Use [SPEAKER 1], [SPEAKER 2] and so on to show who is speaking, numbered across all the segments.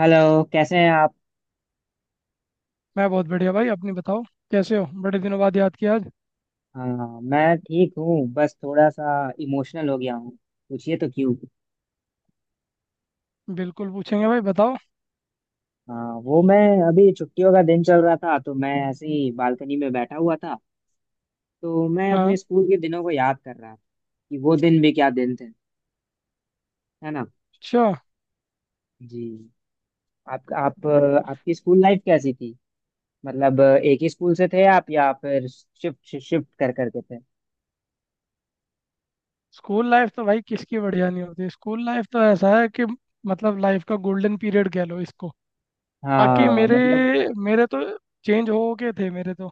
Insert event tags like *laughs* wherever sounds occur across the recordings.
[SPEAKER 1] Hello, कैसे हैं आप?
[SPEAKER 2] मैं बहुत बढ़िया भाई। अपनी बताओ, कैसे हो? बड़े दिनों बाद याद किया आज।
[SPEAKER 1] हाँ, मैं ठीक हूँ। बस थोड़ा सा इमोशनल हो गया हूँ। पूछिए तो क्यों?
[SPEAKER 2] बिल्कुल पूछेंगे भाई, बताओ।
[SPEAKER 1] हाँ, वो मैं अभी छुट्टियों का दिन चल रहा था तो मैं ऐसे ही बालकनी में बैठा हुआ था। तो मैं अपने
[SPEAKER 2] हाँ।
[SPEAKER 1] स्कूल के दिनों को याद कर रहा था। कि वो दिन भी क्या दिन थे। है ना।
[SPEAKER 2] अच्छा।
[SPEAKER 1] जी। आप, आपकी स्कूल लाइफ कैसी थी? मतलब एक ही स्कूल से थे आप या फिर शिफ्ट शिफ्ट कर करके थे?
[SPEAKER 2] स्कूल लाइफ तो भाई किसकी बढ़िया नहीं होती। स्कूल लाइफ तो ऐसा है कि मतलब लाइफ का गोल्डन पीरियड कह लो इसको। बाकी
[SPEAKER 1] हाँ
[SPEAKER 2] मेरे
[SPEAKER 1] मतलब।
[SPEAKER 2] मेरे तो, चेंज हो के थे मेरे तो।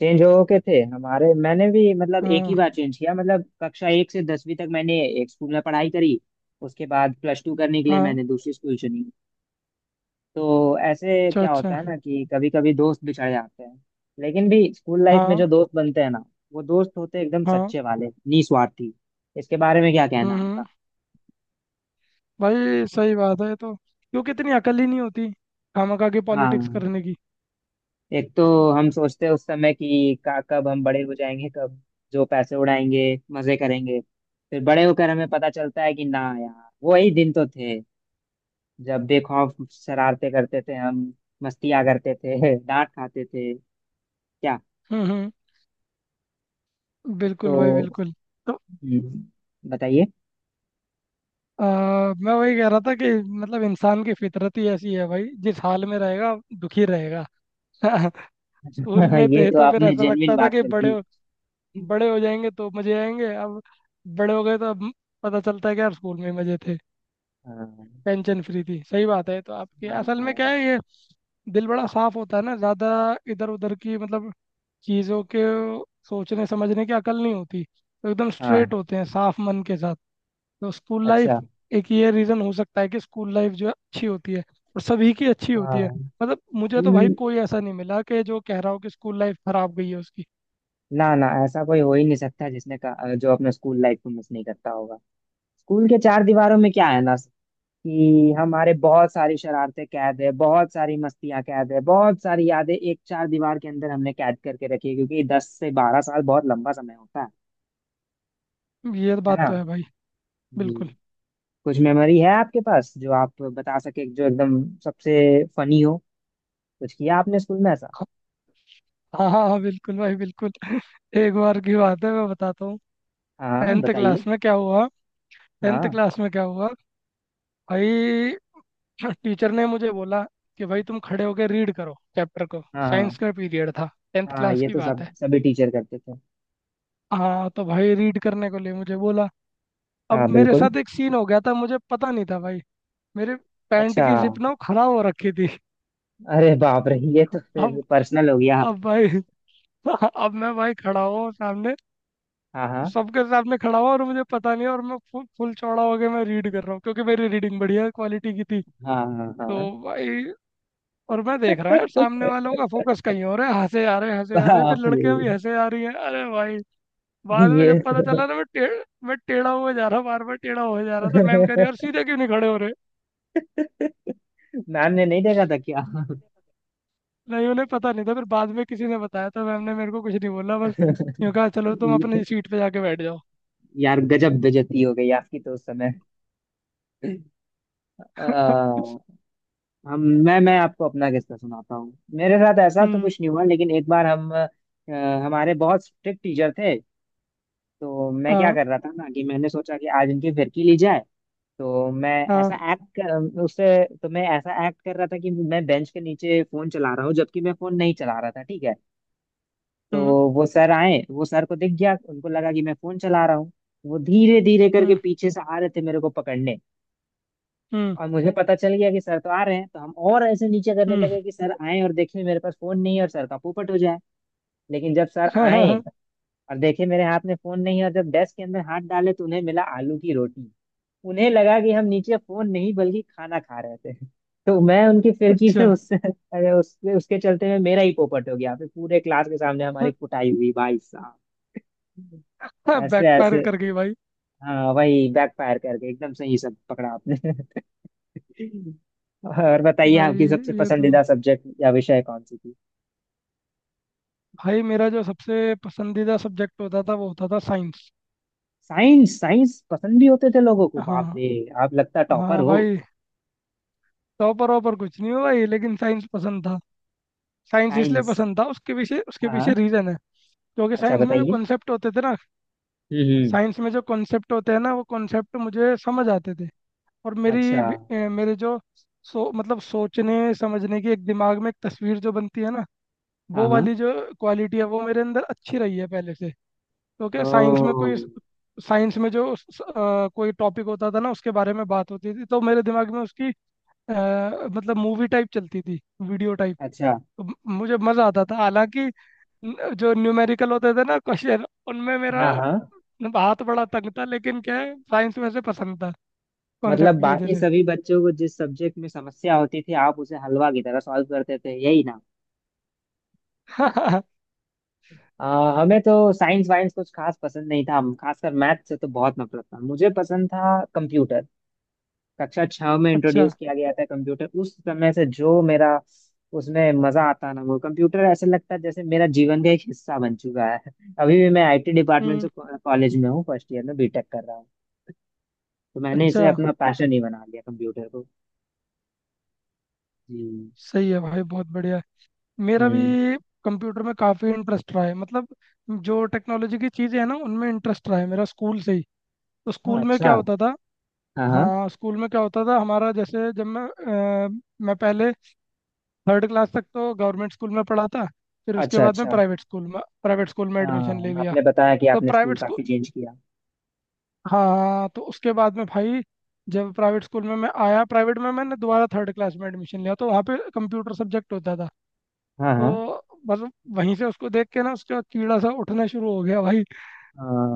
[SPEAKER 1] चेंज हो के थे हमारे, मैंने भी मतलब एक
[SPEAKER 2] हाँ।
[SPEAKER 1] ही बार चेंज किया। मतलब कक्षा 1 से 10वीं तक मैंने एक स्कूल में पढ़ाई करी। उसके बाद प्लस टू करने के लिए
[SPEAKER 2] हाँ।
[SPEAKER 1] मैंने दूसरी स्कूल चुनी। तो ऐसे
[SPEAKER 2] अच्छा
[SPEAKER 1] क्या
[SPEAKER 2] अच्छा।
[SPEAKER 1] होता है ना कि कभी कभी दोस्त बिछड़ जाते हैं। लेकिन भी स्कूल लाइफ में
[SPEAKER 2] हाँ
[SPEAKER 1] जो दोस्त बनते हैं ना, वो दोस्त होते हैं एकदम
[SPEAKER 2] हाँ।
[SPEAKER 1] सच्चे वाले। निस्वार्थी। इसके बारे में क्या कहना
[SPEAKER 2] हम्म
[SPEAKER 1] है आपका?
[SPEAKER 2] हम्म, भाई सही बात है, तो क्योंकि इतनी अकल ही नहीं होती खामखा की पॉलिटिक्स
[SPEAKER 1] हाँ,
[SPEAKER 2] करने की।
[SPEAKER 1] एक तो हम सोचते हैं उस समय कि का कब हम बड़े हो जाएंगे, कब जो पैसे उड़ाएंगे, मजे करेंगे। फिर बड़े होकर हमें पता चलता है कि ना यार वही दिन तो थे। जब बेखौफ शरारते करते थे हम, मस्तियाँ करते थे *laughs* डांट खाते थे। क्या।
[SPEAKER 2] हम्म। बिल्कुल भाई,
[SPEAKER 1] तो
[SPEAKER 2] बिल्कुल। तो
[SPEAKER 1] बताइए।
[SPEAKER 2] अ, मैं वही कह रहा था कि मतलब इंसान की फितरत ही ऐसी है भाई, जिस हाल में रहेगा दुखी रहेगा। *laughs* स्कूल
[SPEAKER 1] *laughs*
[SPEAKER 2] में
[SPEAKER 1] ये
[SPEAKER 2] थे
[SPEAKER 1] तो
[SPEAKER 2] तो फिर
[SPEAKER 1] आपने
[SPEAKER 2] ऐसा
[SPEAKER 1] जेन्युइन
[SPEAKER 2] लगता था
[SPEAKER 1] बात
[SPEAKER 2] कि
[SPEAKER 1] कर दी।
[SPEAKER 2] बड़े हो जाएंगे तो मजे आएंगे। अब बड़े हो गए तो अब पता चलता है कि यार स्कूल में मजे थे,
[SPEAKER 1] हाँ,
[SPEAKER 2] टेंशन फ्री थी। सही बात है, तो आपकी असल
[SPEAKER 1] हाँ,
[SPEAKER 2] में क्या है ये, दिल बड़ा साफ होता है ना ज़्यादा। इधर उधर की मतलब चीज़ों के सोचने समझने की अकल नहीं होती, तो एकदम
[SPEAKER 1] हाँ,
[SPEAKER 2] स्ट्रेट होते हैं साफ मन के साथ। तो स्कूल लाइफ,
[SPEAKER 1] अच्छा।
[SPEAKER 2] एक ये रीज़न हो सकता है कि स्कूल लाइफ जो है अच्छी होती है, और सभी की अच्छी होती है।
[SPEAKER 1] हाँ,
[SPEAKER 2] मतलब मुझे तो भाई
[SPEAKER 1] स्कूल,
[SPEAKER 2] कोई ऐसा नहीं मिला कि जो कह रहा हो कि स्कूल लाइफ खराब गई है उसकी।
[SPEAKER 1] ना ना ऐसा कोई हो ही नहीं सकता जिसने का जो अपने स्कूल लाइफ को मिस नहीं करता होगा। स्कूल के चार दीवारों में क्या है ना, कि हमारे बहुत सारी शरारतें कैद है, बहुत सारी मस्तियां कैद है, बहुत सारी यादें एक चार दीवार के अंदर हमने कैद करके रखी है, क्योंकि 10 से 12 साल बहुत लंबा समय होता है।
[SPEAKER 2] ये
[SPEAKER 1] है
[SPEAKER 2] बात
[SPEAKER 1] ना।
[SPEAKER 2] तो है भाई,
[SPEAKER 1] जी।
[SPEAKER 2] बिल्कुल।
[SPEAKER 1] कुछ मेमोरी है आपके पास जो आप बता सके, जो एकदम सबसे फनी हो? कुछ किया आपने स्कूल में ऐसा?
[SPEAKER 2] हाँ हाँ हाँ बिल्कुल भाई बिल्कुल। *laughs* एक बार की बात है, मैं बताता हूँ।
[SPEAKER 1] हाँ
[SPEAKER 2] टेंथ क्लास
[SPEAKER 1] बताइए।
[SPEAKER 2] में क्या हुआ, टेंथ
[SPEAKER 1] हाँ,
[SPEAKER 2] क्लास में क्या हुआ भाई, *clears throat* टीचर ने मुझे बोला कि भाई तुम खड़े होकर रीड करो चैप्टर को।
[SPEAKER 1] हाँ, हाँ,
[SPEAKER 2] साइंस का पीरियड था, टेंथ
[SPEAKER 1] हाँ।
[SPEAKER 2] क्लास
[SPEAKER 1] ये
[SPEAKER 2] की
[SPEAKER 1] तो
[SPEAKER 2] बात
[SPEAKER 1] सब
[SPEAKER 2] है।
[SPEAKER 1] सभी टीचर करते थे।
[SPEAKER 2] हाँ, तो भाई रीड करने को लिए मुझे बोला। अब
[SPEAKER 1] हाँ
[SPEAKER 2] मेरे
[SPEAKER 1] बिल्कुल।
[SPEAKER 2] साथ एक सीन हो गया था, मुझे पता नहीं था भाई। मेरे पैंट
[SPEAKER 1] अच्छा।
[SPEAKER 2] की जिप ना खराब हो रखी थी।
[SPEAKER 1] अरे बाप रे, ये तो
[SPEAKER 2] *laughs* अब,
[SPEAKER 1] फिर पर्सनल हो गया।
[SPEAKER 2] अब भाई, *laughs* अब मैं भाई खड़ा हूँ सामने,
[SPEAKER 1] हाँ, हाँ,
[SPEAKER 2] सबके सामने खड़ा हूँ, और मुझे पता नहीं है, और मैं फुल फुल चौड़ा होके मैं रीड कर रहा हूँ, क्योंकि मेरी रीडिंग बढ़िया क्वालिटी की थी।
[SPEAKER 1] हाँ, हाँ,
[SPEAKER 2] तो
[SPEAKER 1] हाँ।
[SPEAKER 2] भाई, और मैं देख रहा है सामने वालों का फोकस कहीं और है, हंसे आ रहे हंसे आ रहे, फिर
[SPEAKER 1] बाप रे।
[SPEAKER 2] लड़कियां भी हंसे आ रही हैं, अरे भाई। बाद में
[SPEAKER 1] ये,
[SPEAKER 2] जब पता चला ना, मैं टेढ़ा हुआ जा रहा, बार बार टेढ़ा हुआ जा रहा था। मैम कह रही है, और सीधे क्यों नहीं खड़े हो
[SPEAKER 1] मैम ने नहीं देखा था क्या?
[SPEAKER 2] रहे? नहीं, उन्हें पता नहीं था, फिर बाद में किसी ने बताया था। मैम ने मेरे को कुछ नहीं बोला, बस यूँ कहा चलो तुम
[SPEAKER 1] ये-
[SPEAKER 2] अपनी सीट पे जाके बैठ जाओ।
[SPEAKER 1] यार गजब बेइज्जती हो गई आपकी तो उस समय।
[SPEAKER 2] *laughs*
[SPEAKER 1] आ, हम मैं आपको अपना किस्सा सुनाता हूँ। मेरे साथ ऐसा तो
[SPEAKER 2] हम्म।
[SPEAKER 1] कुछ नहीं हुआ, लेकिन एक बार हम हमारे बहुत स्ट्रिक्ट टीचर थे। तो मैं क्या
[SPEAKER 2] हाँ
[SPEAKER 1] कर रहा था ना, कि मैंने सोचा कि आज इनकी फिरकी ली जाए। तो मैं
[SPEAKER 2] हाँ।
[SPEAKER 1] ऐसा एक्ट कर उससे। तो मैं ऐसा एक्ट कर रहा था कि मैं बेंच के नीचे फोन चला रहा हूँ, जबकि मैं फोन नहीं चला रहा था, ठीक है। तो
[SPEAKER 2] हम्म
[SPEAKER 1] वो सर आए, वो सर को दिख गया, उनको लगा कि मैं फोन चला रहा हूँ। वो धीरे धीरे करके
[SPEAKER 2] हम्म।
[SPEAKER 1] पीछे से आ रहे थे मेरे को पकड़ने।
[SPEAKER 2] हम्म
[SPEAKER 1] और मुझे पता चल गया कि सर तो आ रहे हैं, तो हम और ऐसे नीचे करने
[SPEAKER 2] हम्म।
[SPEAKER 1] लगे कि सर आए और देखें मेरे पास फोन नहीं है और सर का पोपट हो जाए। लेकिन जब सर आए और देखे मेरे हाथ में फोन नहीं है, और जब डेस्क के अंदर हाथ डाले तो उन्हें मिला आलू की रोटी। उन्हें लगा कि हम नीचे फोन नहीं बल्कि खाना खा रहे थे। तो मैं उनकी
[SPEAKER 2] *laughs*
[SPEAKER 1] फिरकी से
[SPEAKER 2] अच्छा।
[SPEAKER 1] उससे उसके चलते में मेरा ही पोपट हो गया, फिर पूरे क्लास के सामने हमारी कुटाई हुई भाई साहब।
[SPEAKER 2] *laughs*
[SPEAKER 1] ऐसे
[SPEAKER 2] बैकफायर
[SPEAKER 1] ऐसे।
[SPEAKER 2] कर गई भाई।
[SPEAKER 1] हाँ, वही फायर करके एकदम से ही सब पकड़ा आपने। और बताइए,
[SPEAKER 2] भाई
[SPEAKER 1] आपकी सबसे
[SPEAKER 2] ये तो,
[SPEAKER 1] पसंदीदा सब्जेक्ट या विषय कौन सी थी?
[SPEAKER 2] भाई मेरा जो सबसे पसंदीदा सब्जेक्ट होता था वो होता था साइंस।
[SPEAKER 1] साइंस? साइंस पसंद भी होते थे लोगों को, बाप
[SPEAKER 2] हाँ
[SPEAKER 1] रे। आप लगता टॉपर
[SPEAKER 2] हाँ
[SPEAKER 1] हो।
[SPEAKER 2] भाई, टॉपर वॉपर कुछ नहीं हुआ भाई, लेकिन साइंस पसंद था। साइंस इसलिए
[SPEAKER 1] साइंस।
[SPEAKER 2] पसंद था, उसके
[SPEAKER 1] हाँ
[SPEAKER 2] पीछे
[SPEAKER 1] हाँ।
[SPEAKER 2] रीज़न है, क्योंकि
[SPEAKER 1] अच्छा
[SPEAKER 2] साइंस में जो
[SPEAKER 1] बताइए।
[SPEAKER 2] कॉन्सेप्ट होते थे ना,
[SPEAKER 1] हम्म,
[SPEAKER 2] साइंस में जो कॉन्सेप्ट होते हैं ना, वो कॉन्सेप्ट मुझे समझ आते थे। और
[SPEAKER 1] अच्छा।
[SPEAKER 2] मेरे जो, सो मतलब सोचने समझने की एक दिमाग में एक तस्वीर जो बनती है ना,
[SPEAKER 1] हाँ
[SPEAKER 2] वो
[SPEAKER 1] हाँ।
[SPEAKER 2] वाली जो क्वालिटी है वो मेरे अंदर अच्छी रही है पहले से। तो
[SPEAKER 1] ओ।
[SPEAKER 2] क्या साइंस में कोई, साइंस में जो कोई टॉपिक होता था ना, उसके बारे में बात होती थी, तो मेरे दिमाग में उसकी अ, मतलब मूवी टाइप चलती थी, वीडियो टाइप।
[SPEAKER 1] अच्छा।
[SPEAKER 2] तो मुझे मज़ा आता था। हालांकि जो न्यूमेरिकल होते थे ना क्वेश्चन, उनमें मेरा
[SPEAKER 1] हाँ हाँ।
[SPEAKER 2] हाथ बड़ा तंग था। लेकिन क्या है, साइंस में से पसंद था कॉन्सेप्ट
[SPEAKER 1] मतलब
[SPEAKER 2] की वजह
[SPEAKER 1] बाकी
[SPEAKER 2] से।
[SPEAKER 1] सभी बच्चों को जिस सब्जेक्ट में समस्या होती थी, आप उसे हलवा की तरह सॉल्व करते थे, यही ना?
[SPEAKER 2] *laughs*
[SPEAKER 1] हमें तो साइंस वाइंस कुछ खास पसंद नहीं था। हम खासकर मैथ से तो बहुत नफरत था। मुझे पसंद था कंप्यूटर। कक्षा छह में
[SPEAKER 2] अच्छा।
[SPEAKER 1] इंट्रोड्यूस किया गया था कंप्यूटर, उस समय से जो मेरा, उसमें मजा आता ना, वो कंप्यूटर ऐसे लगता है जैसे मेरा जीवन का एक हिस्सा बन चुका है। अभी भी मैं आईटी डिपार्टमेंट
[SPEAKER 2] हम्म।
[SPEAKER 1] से कॉलेज में हूँ, फर्स्ट ईयर में बीटेक कर रहा हूँ। तो मैंने
[SPEAKER 2] अच्छा।
[SPEAKER 1] इसे अपना पैशन ही बना लिया, कंप्यूटर को। जी।
[SPEAKER 2] सही है भाई, बहुत बढ़िया है। मेरा भी
[SPEAKER 1] हम्म।
[SPEAKER 2] कंप्यूटर में काफ़ी इंटरेस्ट रहा है। मतलब जो टेक्नोलॉजी की चीज़ें हैं ना उनमें इंटरेस्ट रहा है मेरा स्कूल से ही। तो स्कूल में क्या
[SPEAKER 1] अच्छा।
[SPEAKER 2] होता था,
[SPEAKER 1] हाँ हाँ।
[SPEAKER 2] हाँ स्कूल में क्या होता था हमारा, जैसे जब मैं, अ, मैं पहले थर्ड क्लास तक तो गवर्नमेंट स्कूल में पढ़ा था। फिर उसके
[SPEAKER 1] अच्छा,
[SPEAKER 2] बाद में
[SPEAKER 1] अच्छा।
[SPEAKER 2] प्राइवेट स्कूल में, प्राइवेट स्कूल में एडमिशन ले
[SPEAKER 1] हाँ,
[SPEAKER 2] लिया।
[SPEAKER 1] आपने बताया कि
[SPEAKER 2] तब
[SPEAKER 1] आपने स्कूल
[SPEAKER 2] प्राइवेट स्कूल,
[SPEAKER 1] काफी चेंज किया।
[SPEAKER 2] हाँ हाँ, तो उसके बाद में भाई, जब प्राइवेट स्कूल में मैं आया, प्राइवेट में मैंने दोबारा थर्ड क्लास में एडमिशन लिया, तो वहाँ पे कंप्यूटर सब्जेक्ट होता था।
[SPEAKER 1] हाँ हाँ।
[SPEAKER 2] तो मतलब वहीं से उसको देख के ना, उसका कीड़ा सा उठना शुरू हो गया भाई।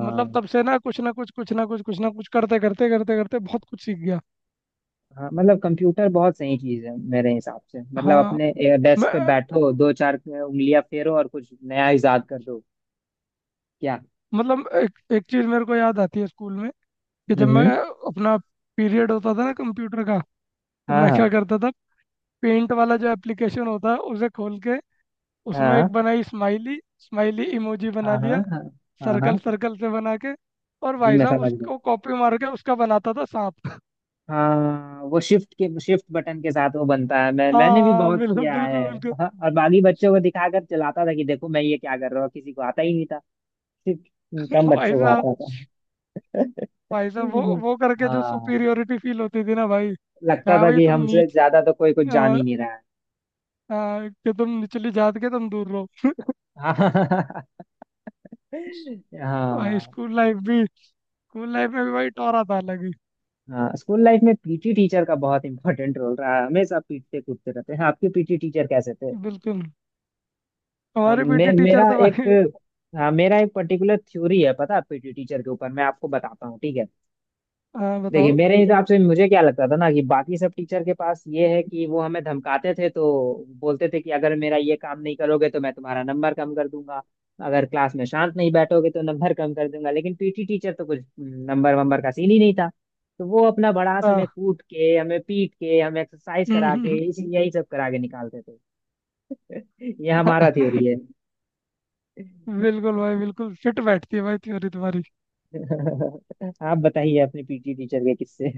[SPEAKER 2] मतलब तब से ना, कुछ ना कुछ कुछ ना कुछ कुछ ना कुछ करते करते करते करते बहुत कुछ सीख गया।
[SPEAKER 1] हाँ। मतलब कंप्यूटर बहुत सही चीज है मेरे हिसाब से। मतलब
[SPEAKER 2] हाँ।
[SPEAKER 1] अपने डेस्क पे
[SPEAKER 2] मैं
[SPEAKER 1] बैठो, दो चार उंगलियां फेरो और कुछ नया इजाद कर दो। क्या।
[SPEAKER 2] मतलब एक एक चीज़ मेरे को याद आती है स्कूल में। कि जब मैं
[SPEAKER 1] हम्म।
[SPEAKER 2] अपना, पीरियड होता था ना कंप्यूटर का, तो
[SPEAKER 1] हाँ,
[SPEAKER 2] मैं क्या
[SPEAKER 1] हाँ,
[SPEAKER 2] करता था, पेंट वाला जो एप्लीकेशन होता है उसे खोल के, उसमें एक
[SPEAKER 1] हाँ।
[SPEAKER 2] बनाई, स्माइली स्माइली इमोजी बना
[SPEAKER 1] हाँ, हाँ,
[SPEAKER 2] लिया,
[SPEAKER 1] हाँ, हाँ, हाँ।
[SPEAKER 2] सर्कल सर्कल से बना के, और
[SPEAKER 1] जी
[SPEAKER 2] भाई
[SPEAKER 1] मैं
[SPEAKER 2] साहब
[SPEAKER 1] समझ गया।
[SPEAKER 2] उसको कॉपी मार के उसका बनाता था सांप।
[SPEAKER 1] हाँ, वो शिफ्ट के शिफ्ट बटन के साथ वो बनता है। मैंने भी
[SPEAKER 2] हाँ,
[SPEAKER 1] बहुत
[SPEAKER 2] बिल्कुल
[SPEAKER 1] किया है।
[SPEAKER 2] बिल्कुल बिल्कुल।
[SPEAKER 1] हाँ, और बाकी बच्चों को दिखाकर चलाता था कि देखो मैं ये क्या कर रहा हूँ, किसी को आता ही नहीं। ठीक। कम
[SPEAKER 2] *laughs* भाई
[SPEAKER 1] बच्चों को
[SPEAKER 2] साहब,
[SPEAKER 1] आता था।
[SPEAKER 2] भाई साहब वो करके जो
[SPEAKER 1] हाँ,
[SPEAKER 2] सुपीरियोरिटी फील होती थी ना भाई,
[SPEAKER 1] लगता
[SPEAKER 2] क्या
[SPEAKER 1] था
[SPEAKER 2] भाई
[SPEAKER 1] कि
[SPEAKER 2] तुम
[SPEAKER 1] हमसे
[SPEAKER 2] नीच,
[SPEAKER 1] ज्यादा तो कोई कुछ जान
[SPEAKER 2] आ,
[SPEAKER 1] ही नहीं रहा है।
[SPEAKER 2] आ, कि तुम निचली जात के, तुम दूर रहो।
[SPEAKER 1] *laughs* हाँ।
[SPEAKER 2] भाई
[SPEAKER 1] हाँ।
[SPEAKER 2] स्कूल लाइफ भी, स्कूल लाइफ में भी भाई टोरा था अलग ही।
[SPEAKER 1] हाँ, स्कूल लाइफ में पीटी टीचर का बहुत इंपॉर्टेंट रोल रहा है। हमेशा पीटते कूदते रहते हैं। आपके पीटी टीचर कैसे थे?
[SPEAKER 2] बिल्कुल। हमारे पीटी टीचर
[SPEAKER 1] मेरा
[SPEAKER 2] तो
[SPEAKER 1] एक,
[SPEAKER 2] भाई,
[SPEAKER 1] हाँ, मेरा एक पर्टिकुलर थ्योरी है, पता है, पीटी टीचर के ऊपर, मैं आपको बताता हूँ ठीक है?
[SPEAKER 2] हाँ
[SPEAKER 1] देखिए
[SPEAKER 2] बताओ।
[SPEAKER 1] मेरे हिसाब से मुझे क्या लगता था ना, कि बाकी सब टीचर के पास ये है कि वो हमें धमकाते थे तो बोलते थे कि अगर मेरा ये काम नहीं करोगे तो मैं तुम्हारा नंबर कम कर दूंगा, अगर क्लास में शांत नहीं बैठोगे तो नंबर कम कर दूंगा। लेकिन पीटी टीचर तो कुछ नंबर वंबर का सीन ही नहीं था। तो वो अपना बड़ास
[SPEAKER 2] हाँ।
[SPEAKER 1] हमें कूट के, हमें पीट के, हमें एक्सरसाइज करा के, यही सब करा के निकालते थे। *laughs* ये हमारा थ्योरी है।
[SPEAKER 2] *laughs* बिल्कुल भाई बिल्कुल, फिट बैठती है भाई थ्योरी तुम्हारी।
[SPEAKER 1] *laughs* आप बताइए अपने पीटी टीचर के किस्से।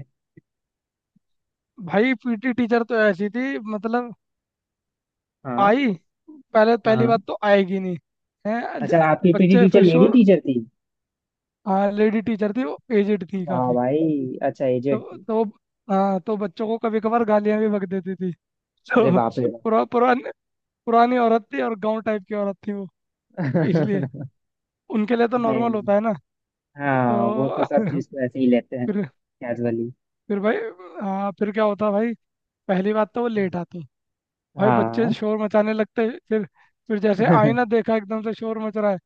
[SPEAKER 2] भाई पीटी टीचर तो ऐसी थी मतलब,
[SPEAKER 1] हाँ
[SPEAKER 2] आई, पहले पहली
[SPEAKER 1] हाँ।
[SPEAKER 2] बात तो आएगी नहीं। है
[SPEAKER 1] अच्छा, आपकी पीटी
[SPEAKER 2] बच्चे
[SPEAKER 1] टीचर
[SPEAKER 2] फिर
[SPEAKER 1] लेडी
[SPEAKER 2] श्योर।
[SPEAKER 1] टीचर थी?
[SPEAKER 2] हाँ लेडी टीचर थी, वो एजेड थी
[SPEAKER 1] हाँ
[SPEAKER 2] काफी।
[SPEAKER 1] भाई, अच्छा एजेड
[SPEAKER 2] तो
[SPEAKER 1] थी।
[SPEAKER 2] तो हाँ तो बच्चों को कभी कभार गालियां भी बक देती थी। *laughs*
[SPEAKER 1] अरे
[SPEAKER 2] तो
[SPEAKER 1] बाप रे बाप।
[SPEAKER 2] पुरानी, पुरानी औरत थी और गांव टाइप की औरत थी वो,
[SPEAKER 1] *laughs*
[SPEAKER 2] इसलिए
[SPEAKER 1] नहीं।
[SPEAKER 2] उनके लिए तो
[SPEAKER 1] नहीं।
[SPEAKER 2] नॉर्मल होता है ना।
[SPEAKER 1] हाँ, वो तो
[SPEAKER 2] तो
[SPEAKER 1] सब चीज को ऐसे ही लेते
[SPEAKER 2] *laughs*
[SPEAKER 1] हैं,
[SPEAKER 2] फिर
[SPEAKER 1] कैजुअली।
[SPEAKER 2] फिर भाई, हाँ फिर क्या होता भाई, पहली बात तो वो लेट आती। भाई बच्चे
[SPEAKER 1] हाँ।
[SPEAKER 2] शोर मचाने लगते हैं, फिर जैसे आईना
[SPEAKER 1] *laughs*
[SPEAKER 2] देखा एकदम से शोर मच रहा है,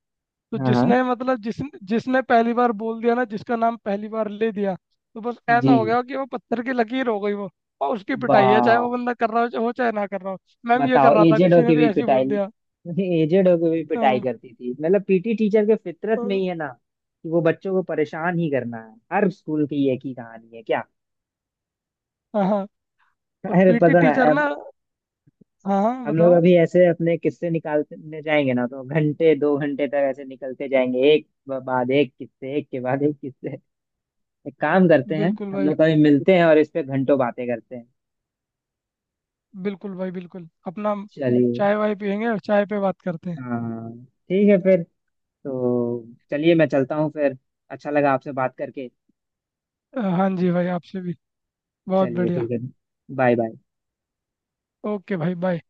[SPEAKER 2] तो
[SPEAKER 1] हाँ।
[SPEAKER 2] जिसने मतलब जिस जिसने पहली बार बोल दिया ना, जिसका नाम पहली बार ले दिया, तो बस ऐसा
[SPEAKER 1] जी।
[SPEAKER 2] हो गया कि वो पत्थर की लकीर हो गई वो। और उसकी पिटाई है, चाहे वो
[SPEAKER 1] वाह।
[SPEAKER 2] बंदा कर रहा हो चाहे ना कर रहा हो, मैम ये कर
[SPEAKER 1] बताओ,
[SPEAKER 2] रहा था,
[SPEAKER 1] एजेड
[SPEAKER 2] किसी ने
[SPEAKER 1] होके
[SPEAKER 2] भी
[SPEAKER 1] भी
[SPEAKER 2] ऐसे ही
[SPEAKER 1] पिटाई।
[SPEAKER 2] बोल दिया।
[SPEAKER 1] एजेड होके भी पिटाई
[SPEAKER 2] हाँ
[SPEAKER 1] करती थी। मतलब पीटी टीचर के फितरत में ही है ना कि वो बच्चों को परेशान ही करना है। हर स्कूल की एक ही कहानी है क्या।
[SPEAKER 2] हाँ हाँ। और
[SPEAKER 1] अरे,
[SPEAKER 2] पीटी
[SPEAKER 1] पता
[SPEAKER 2] टीचर
[SPEAKER 1] है,
[SPEAKER 2] ना, हाँ हाँ
[SPEAKER 1] हम लोग
[SPEAKER 2] बताओ।
[SPEAKER 1] अभी ऐसे अपने किस्से निकालने जाएंगे ना, तो घंटे दो घंटे तक ऐसे निकलते जाएंगे, एक बाद एक किस्से, एक के बाद एक किस्से। एक काम करते हैं,
[SPEAKER 2] बिल्कुल
[SPEAKER 1] हम
[SPEAKER 2] भाई,
[SPEAKER 1] लोग कभी मिलते हैं और इस पे घंटों बातें करते हैं।
[SPEAKER 2] बिल्कुल भाई बिल्कुल अपना,
[SPEAKER 1] चलिए।
[SPEAKER 2] चाय वाय पियेंगे और चाय पे बात करते हैं।
[SPEAKER 1] हाँ, ठीक है फिर। तो चलिए मैं चलता हूँ फिर। अच्छा लगा आपसे बात करके।
[SPEAKER 2] हाँ जी भाई, आपसे भी, बहुत
[SPEAKER 1] चलिए
[SPEAKER 2] बढ़िया।
[SPEAKER 1] ठीक है। Bye bye.
[SPEAKER 2] ओके भाई, बाय।